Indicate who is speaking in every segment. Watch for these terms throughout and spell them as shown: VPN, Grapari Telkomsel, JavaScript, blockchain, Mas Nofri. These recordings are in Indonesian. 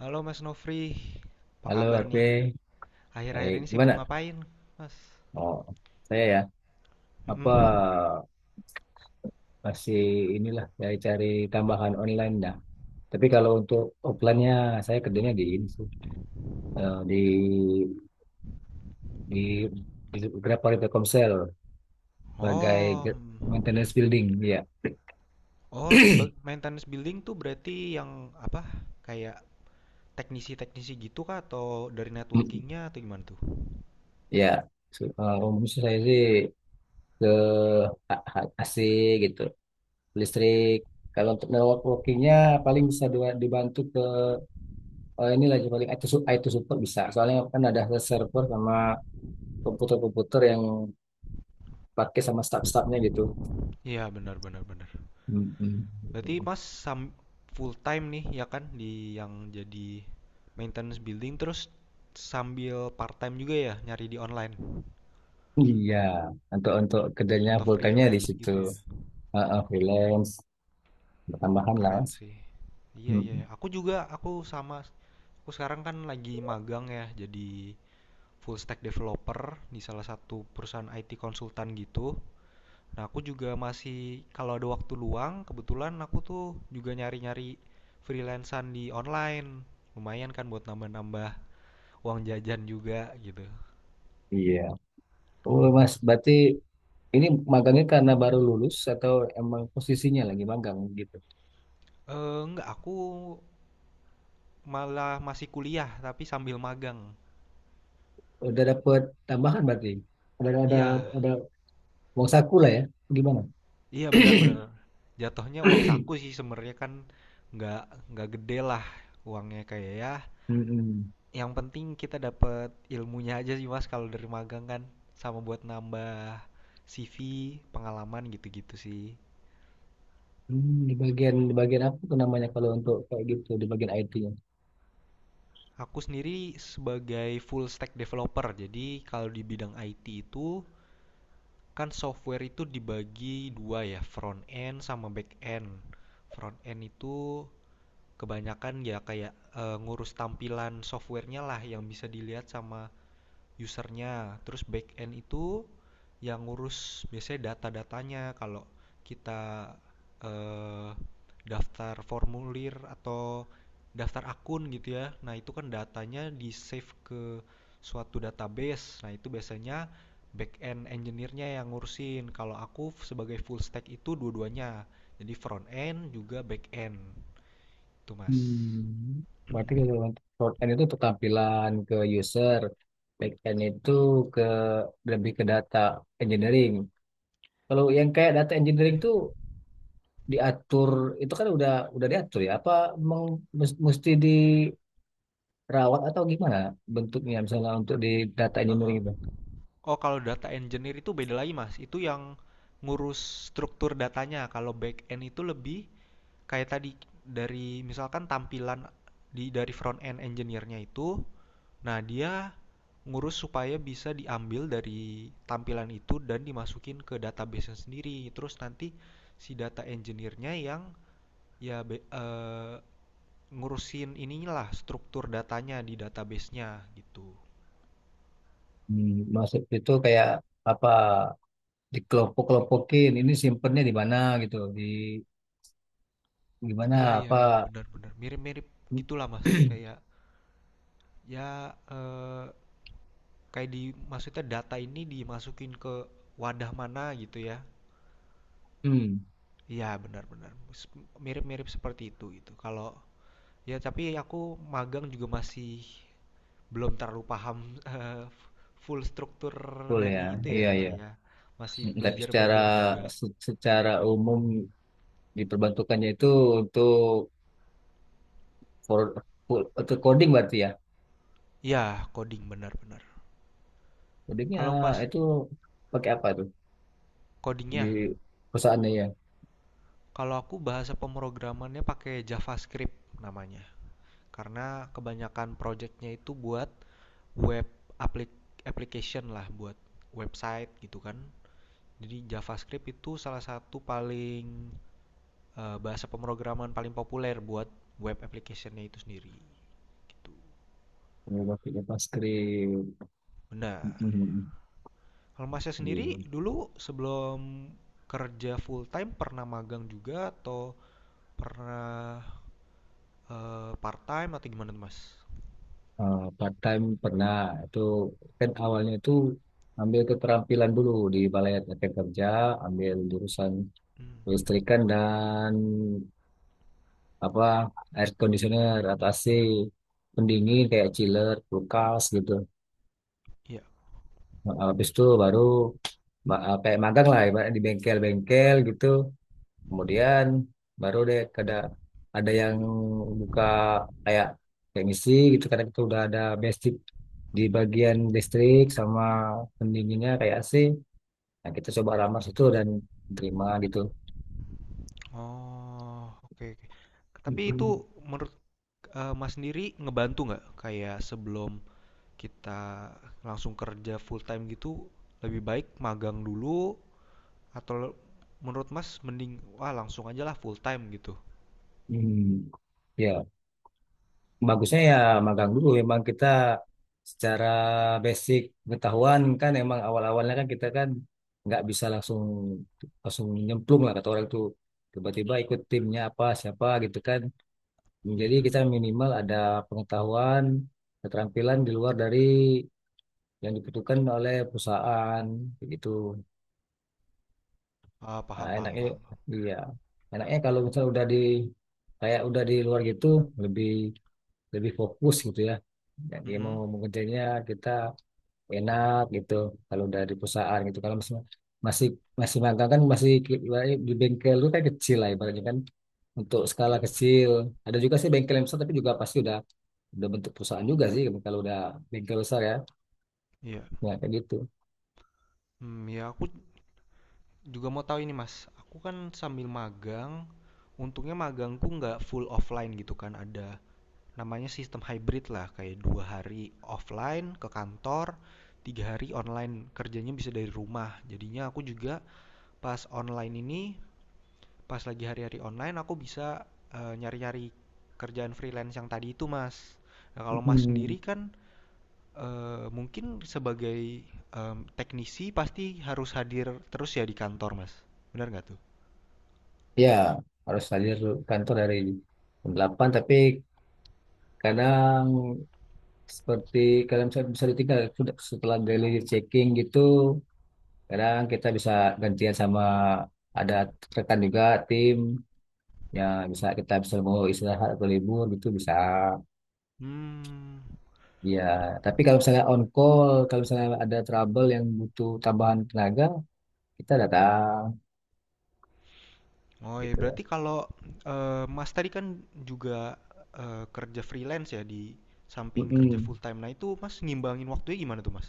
Speaker 1: Halo Mas Nofri, apa
Speaker 2: Halo,
Speaker 1: kabar
Speaker 2: Ape.
Speaker 1: nih? Akhir-akhir ini
Speaker 2: Baik,
Speaker 1: sibuk
Speaker 2: gimana?
Speaker 1: ngapain, Mas?
Speaker 2: Oh, saya ya. Apa
Speaker 1: Mm-mm.
Speaker 2: masih inilah saya cari tambahan online dah. Tapi kalau untuk offline-nya saya kerjanya di ini sih. Eh, di di di Grapari Telkomsel sebagai
Speaker 1: Oh, mm.
Speaker 2: maintenance building, ya.
Speaker 1: Oh, sebagai maintenance building tuh berarti yang apa? Kayak teknisi-teknisi gitu kah? Atau dari
Speaker 2: Mm,
Speaker 1: networkingnya atau gimana tuh?
Speaker 2: Ya, umumnya sih saya sih ke AC gitu, listrik. Kalau untuk networkingnya paling bisa dibantu ke. Oh, ini lagi paling IT, IT support bisa. Soalnya kan ada server sama komputer-komputer yang pakai sama staff-staffnya gitu.
Speaker 1: Iya, benar, benar, benar.
Speaker 2: Mm-mm.
Speaker 1: Berarti full time nih ya kan di yang jadi maintenance building terus sambil part time juga ya nyari di online
Speaker 2: Iya, untuk kerjanya
Speaker 1: atau
Speaker 2: full time-nya di
Speaker 1: freelance
Speaker 2: situ.
Speaker 1: gitu ya?
Speaker 2: Heeh, freelance, tambahan lah
Speaker 1: Keren
Speaker 2: mas.
Speaker 1: sih. Iya, iya,
Speaker 2: Mm-mm.
Speaker 1: iya. Aku juga, aku sama. Aku sekarang kan lagi magang ya, jadi full stack developer di salah satu perusahaan IT konsultan gitu. Nah, aku juga masih, kalau ada waktu luang, kebetulan aku tuh juga nyari-nyari freelancer di online. Lumayan kan buat nambah-nambah uang jajan juga gitu.
Speaker 2: Iya. Oh mas, berarti ini magangnya karena baru lulus atau emang posisinya lagi magang gitu?
Speaker 1: Enggak, aku malah masih kuliah, tapi sambil magang.
Speaker 2: Udah dapet tambahan berarti? Ada ada
Speaker 1: Iya,
Speaker 2: ada uang saku lah ya? Gimana?
Speaker 1: iya benar-benar. Jatuhnya uang saku sih sebenarnya kan nggak gede lah uangnya kayak ya.
Speaker 2: Mm-mm.
Speaker 1: Yang penting kita dapat ilmunya aja sih Mas kalau dari magang kan sama buat nambah CV, pengalaman gitu-gitu sih.
Speaker 2: Di bagian apa tuh namanya kalau untuk kayak gitu di bagian IT-nya?
Speaker 1: Aku sendiri sebagai full stack developer. Jadi kalau di bidang IT itu kan software itu dibagi dua ya, front end sama back end. Front end itu kebanyakan ya kayak ngurus tampilan softwarenya lah yang bisa dilihat sama usernya terus back end itu yang ngurus biasanya data-datanya kalau kita eh, daftar formulir atau daftar akun gitu ya, nah itu kan datanya di save ke suatu database, nah itu biasanya back end engineer-nya yang ngurusin. Kalau aku sebagai full stack itu dua-duanya, jadi front end juga back end tuh mas.
Speaker 2: Hmm, Berarti kalau untuk front end itu untuk tampilan ke user, back end itu ke lebih ke data engineering. Kalau yang kayak data engineering
Speaker 1: Iya,
Speaker 2: tuh diatur, itu kan udah diatur ya? Apa emang mesti dirawat atau gimana bentuknya, misalnya untuk di data
Speaker 1: heeh.
Speaker 2: engineering itu?
Speaker 1: Oh, kalau data engineer itu beda lagi, Mas. Itu yang ngurus struktur datanya. Kalau back end itu lebih kayak tadi, dari misalkan tampilan dari front end engineer-nya itu, nah dia ngurus supaya bisa diambil dari tampilan itu dan dimasukin ke database-nya sendiri. Terus nanti si data engineer-nya yang ya be- eh, ngurusin inilah struktur datanya di database-nya gitu.
Speaker 2: Hmm, Maksud itu kayak apa, dikelompok-kelompokin, ini simpennya di mana gitu, gimana
Speaker 1: Iya iya
Speaker 2: apa
Speaker 1: iya benar benar, mirip-mirip gitulah Mas, kayak ya kayak di, maksudnya data ini dimasukin ke wadah mana gitu ya.
Speaker 2: hmm,
Speaker 1: Iya benar benar, mirip-mirip seperti itu gitu. Kalau ya tapi aku magang juga masih belum terlalu paham eh, full struktur
Speaker 2: full ya.
Speaker 1: dari itu ya
Speaker 2: Iya iya.
Speaker 1: ya, masih
Speaker 2: Tapi secara
Speaker 1: belajar-belajar juga.
Speaker 2: secara umum diperbantukannya itu untuk for, untuk coding berarti ya.
Speaker 1: Iya coding, benar benar.
Speaker 2: Codingnya
Speaker 1: Kalau Mas
Speaker 2: itu pakai apa tuh di
Speaker 1: codingnya,
Speaker 2: perusahaannya ya?
Speaker 1: kalau aku bahasa pemrogramannya pakai JavaScript namanya, karena kebanyakan projectnya itu buat web, aplik- application lah, buat website gitu kan. Jadi JavaScript itu salah satu paling bahasa pemrograman paling populer buat web applicationnya itu sendiri gitu.
Speaker 2: Oh, pakai JavaScript.
Speaker 1: Benar.
Speaker 2: Hmm, hmm, hmm.
Speaker 1: Kalau masnya
Speaker 2: Iya.
Speaker 1: sendiri dulu sebelum kerja full time pernah magang juga atau pernah part time atau gimana tuh mas?
Speaker 2: Part time pernah, itu kan awalnya itu ambil keterampilan dulu di balai latihan kerja, ambil jurusan
Speaker 1: Hmm,
Speaker 2: listrikan dan apa air conditioner atau AC pendingin kayak chiller, kulkas gitu.
Speaker 1: iya.
Speaker 2: Nah, habis itu baru kayak magang lah ibaratnya di bengkel-bengkel gitu. Kemudian baru deh kada ada yang buka kayak kayak misi gitu, karena kita udah ada basic di bagian listrik sama pendinginnya kayak AC. Nah, kita coba ramah situ dan terima gitu.
Speaker 1: Oh, oke oke. Tapi
Speaker 2: Mm-mm.
Speaker 1: itu menurut Mas sendiri, ngebantu nggak kayak sebelum kita langsung kerja full time gitu lebih baik magang dulu, atau menurut Mas mending wah langsung aja lah full time gitu.
Speaker 2: Hmm. Ya. Bagusnya ya magang dulu, memang kita secara basic pengetahuan, kan emang awal-awalnya kan, kita kan nggak bisa langsung langsung nyemplung lah kata orang itu, tiba-tiba ikut timnya apa siapa gitu kan.
Speaker 1: Iya,
Speaker 2: Jadi kita minimal ada pengetahuan, keterampilan di luar dari yang dibutuhkan oleh perusahaan, kayak gitu.
Speaker 1: ah,
Speaker 2: Nah,
Speaker 1: paham, paham,
Speaker 2: enaknya,
Speaker 1: paham.
Speaker 2: iya, enaknya kalau misalnya udah di, kayak udah di luar gitu, lebih lebih fokus gitu ya. Jadi mau
Speaker 1: Mm-mm.
Speaker 2: mengejarnya kita enak gitu kalau dari perusahaan. Gitu kalau masih masih masih magang, kan masih ibaratnya di bengkel itu kan kecil lah ibaratnya, kan untuk skala
Speaker 1: Iya.
Speaker 2: kecil. Ada juga sih bengkel yang besar, tapi juga pasti udah bentuk perusahaan juga sih gitu, kalau udah bengkel besar ya,
Speaker 1: Iya.
Speaker 2: ya kayak gitu.
Speaker 1: Hmm, ya aku juga mau tahu ini Mas. Aku kan sambil magang, untungnya magangku nggak full offline gitu kan, ada namanya sistem hybrid lah, kayak 2 hari offline ke kantor, 3 hari online kerjanya bisa dari rumah. Jadinya aku juga pas online ini, pas lagi hari-hari online aku bisa nyari-nyari kerjaan freelance yang tadi itu mas. Nah kalau mas
Speaker 2: mm
Speaker 1: sendiri kan mungkin sebagai teknisi pasti harus hadir terus ya di kantor mas, benar nggak tuh?
Speaker 2: Ya, harus hadir kantor dari jam 8, tapi kadang seperti kalian bisa, ditinggal setelah daily checking gitu. Kadang kita bisa gantian sama ada rekan juga, tim ya, bisa, kita bisa mau istirahat atau libur gitu bisa.
Speaker 1: Hmm.
Speaker 2: Ya, tapi kalau misalnya on call, kalau misalnya ada trouble yang butuh tambahan tenaga, kita datang
Speaker 1: Oh iya,
Speaker 2: gitu loh.
Speaker 1: berarti kalau Mas tadi kan juga kerja freelance ya di samping kerja
Speaker 2: Mm-mm.
Speaker 1: full time. Nah itu Mas ngimbangin waktunya gimana tuh Mas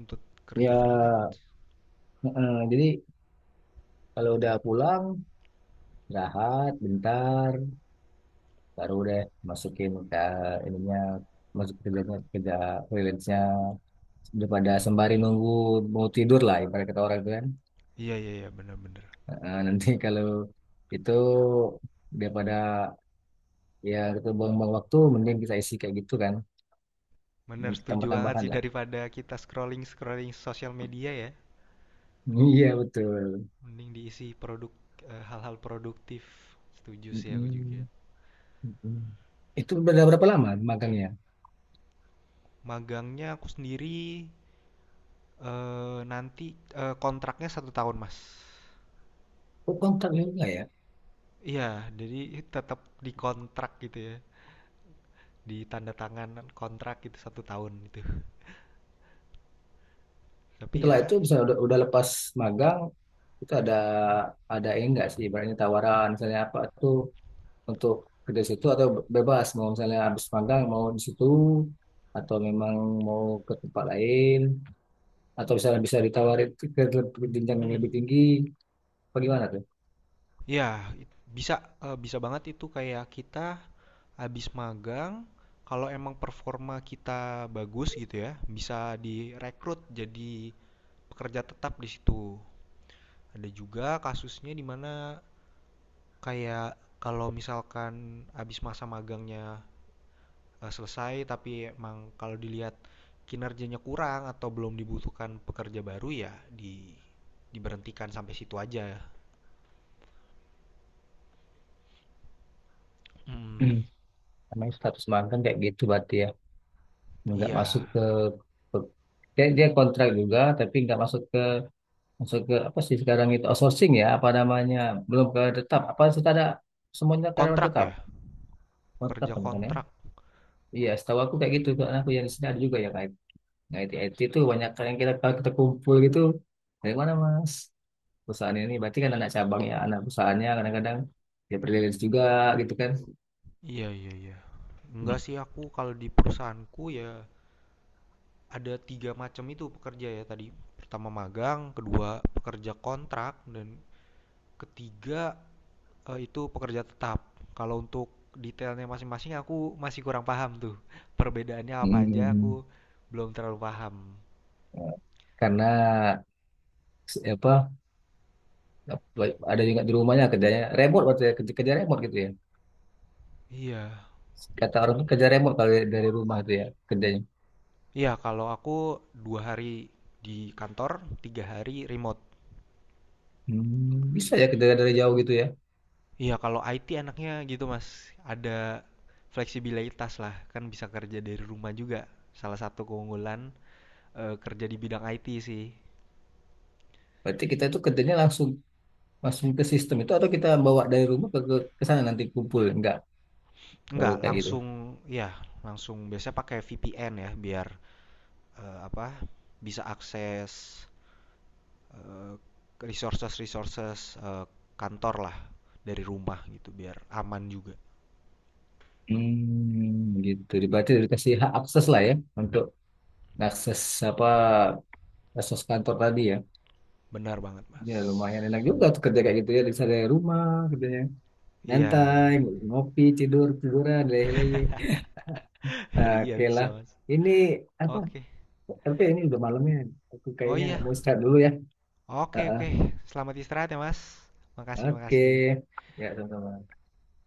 Speaker 1: untuk
Speaker 2: Ya,
Speaker 1: kerja freelance?
Speaker 2: mm-mm. Jadi kalau udah pulang, istirahat bentar, baru deh masukin ke ininya, masuk kerjanya, kerja freelance-nya, daripada sembari nunggu mau tidur lah ibarat kata orang itu kan.
Speaker 1: Iya iya iya benar-benar.
Speaker 2: Nah, nanti kalau itu, daripada ya itu buang-buang waktu, mending kita isi kayak gitu kan,
Speaker 1: Benar
Speaker 2: mungkin
Speaker 1: setuju banget
Speaker 2: tambah-tambahan
Speaker 1: sih,
Speaker 2: lah.
Speaker 1: daripada kita scrolling scrolling sosial media ya.
Speaker 2: Iya betul.
Speaker 1: Mending diisi produk, hal-hal produktif. Setuju sih aku juga.
Speaker 2: Mm-mm. Mm-mm. Itu udah berapa lama magangnya?
Speaker 1: Magangnya aku sendiri nanti kontraknya 1 tahun Mas.
Speaker 2: Oh kontraknya enggak ya?
Speaker 1: Iya, jadi tetap dikontrak gitu ya. Di tanda tangan kontrak itu 1 tahun itu tapi
Speaker 2: Setelah itu
Speaker 1: ya
Speaker 2: bisa udah, lepas magang, itu ada ini enggak sih? Ibaratnya tawaran, misalnya apa tuh, untuk kerja di situ atau bebas mau, misalnya habis magang mau di situ atau memang mau ke tempat lain, atau misalnya bisa ditawarin ke jenjang yang
Speaker 1: mm,
Speaker 2: lebih tinggi, apa gimana tuh.
Speaker 1: ya bisa, bisa banget itu kayak kita habis magang, kalau emang performa kita bagus gitu ya bisa direkrut jadi pekerja tetap di situ. Ada juga kasusnya di mana kayak kalau misalkan habis masa magangnya selesai tapi emang kalau dilihat kinerjanya kurang atau belum dibutuhkan pekerja baru, ya diberhentikan sampai situ aja. Mm,
Speaker 2: Namanya status magang kayak gitu berarti ya. Nggak
Speaker 1: iya,
Speaker 2: masuk ke,
Speaker 1: mm.
Speaker 2: ke dia kontrak juga, tapi nggak masuk ke apa sih sekarang itu, outsourcing ya apa namanya, belum ke tetap apa sudah ada semuanya karyawan
Speaker 1: Kontrak
Speaker 2: tetap.
Speaker 1: ya,
Speaker 2: Oh, tetap
Speaker 1: pekerja
Speaker 2: kan bukan ya.
Speaker 1: kontrak.
Speaker 2: Iya, setahu aku kayak gitu kan. Aku yang di sini ada juga yang IT IT, IT itu banyak, yang kita kalau kita kumpul gitu dari mana mas, perusahaan ini berarti kan anak cabangnya, anak perusahaannya kadang-kadang dia freelance juga gitu kan.
Speaker 1: Iya, iya, iya. Enggak sih, aku kalau di perusahaanku ya ada tiga macam itu pekerja ya tadi. Pertama magang, kedua pekerja kontrak, dan ketiga itu pekerja tetap. Kalau untuk detailnya masing-masing aku masih kurang paham tuh, perbedaannya apa aja aku
Speaker 2: Hmm,
Speaker 1: belum terlalu paham.
Speaker 2: karena apa ada juga di rumahnya kerjanya remote, waktu ya, kerja remote gitu ya,
Speaker 1: Iya.
Speaker 2: kata orang tuh kerja remote kalau dari rumah tuh, ya kerjanya.
Speaker 1: Iya, kalau aku 2 hari di kantor, 3 hari remote.
Speaker 2: Bisa ya kerja dari jauh gitu ya.
Speaker 1: Iya, kalau IT enaknya gitu, Mas, ada fleksibilitas lah, kan bisa kerja dari rumah juga. Salah satu keunggulan, kerja di bidang IT sih.
Speaker 2: Berarti kita itu kerjanya langsung langsung ke sistem itu, atau kita bawa dari rumah ke sana nanti kumpul, enggak, baru
Speaker 1: Enggak,
Speaker 2: kayak gitu.
Speaker 1: langsung, ya langsung biasanya pakai VPN ya biar, eee, apa, bisa akses eh, resources resources eh, kantor lah dari rumah gitu biar aman juga.
Speaker 2: Gitu berarti dikasih hak akses lah ya, untuk akses apa, akses kantor tadi ya.
Speaker 1: Benar banget mas.
Speaker 2: Ya lumayan enak juga tuh kerja kayak gitu ya, bisa dari rumah kerjanya.
Speaker 1: Iya iya.
Speaker 2: Nyantai, ngopi, tidur, tiduran, leleh-leleh. Nah,
Speaker 1: Iya
Speaker 2: oke
Speaker 1: bisa
Speaker 2: lah.
Speaker 1: mas.
Speaker 2: Ini apa?
Speaker 1: Oke.
Speaker 2: Tapi ini udah malamnya. Aku
Speaker 1: Oh
Speaker 2: kayaknya
Speaker 1: iya,
Speaker 2: mau istirahat dulu ya.
Speaker 1: oke
Speaker 2: Ah,
Speaker 1: oke. Selamat istirahat ya mas,
Speaker 2: ah.
Speaker 1: makasih
Speaker 2: Oke.
Speaker 1: makasih.
Speaker 2: Ya, sama-sama.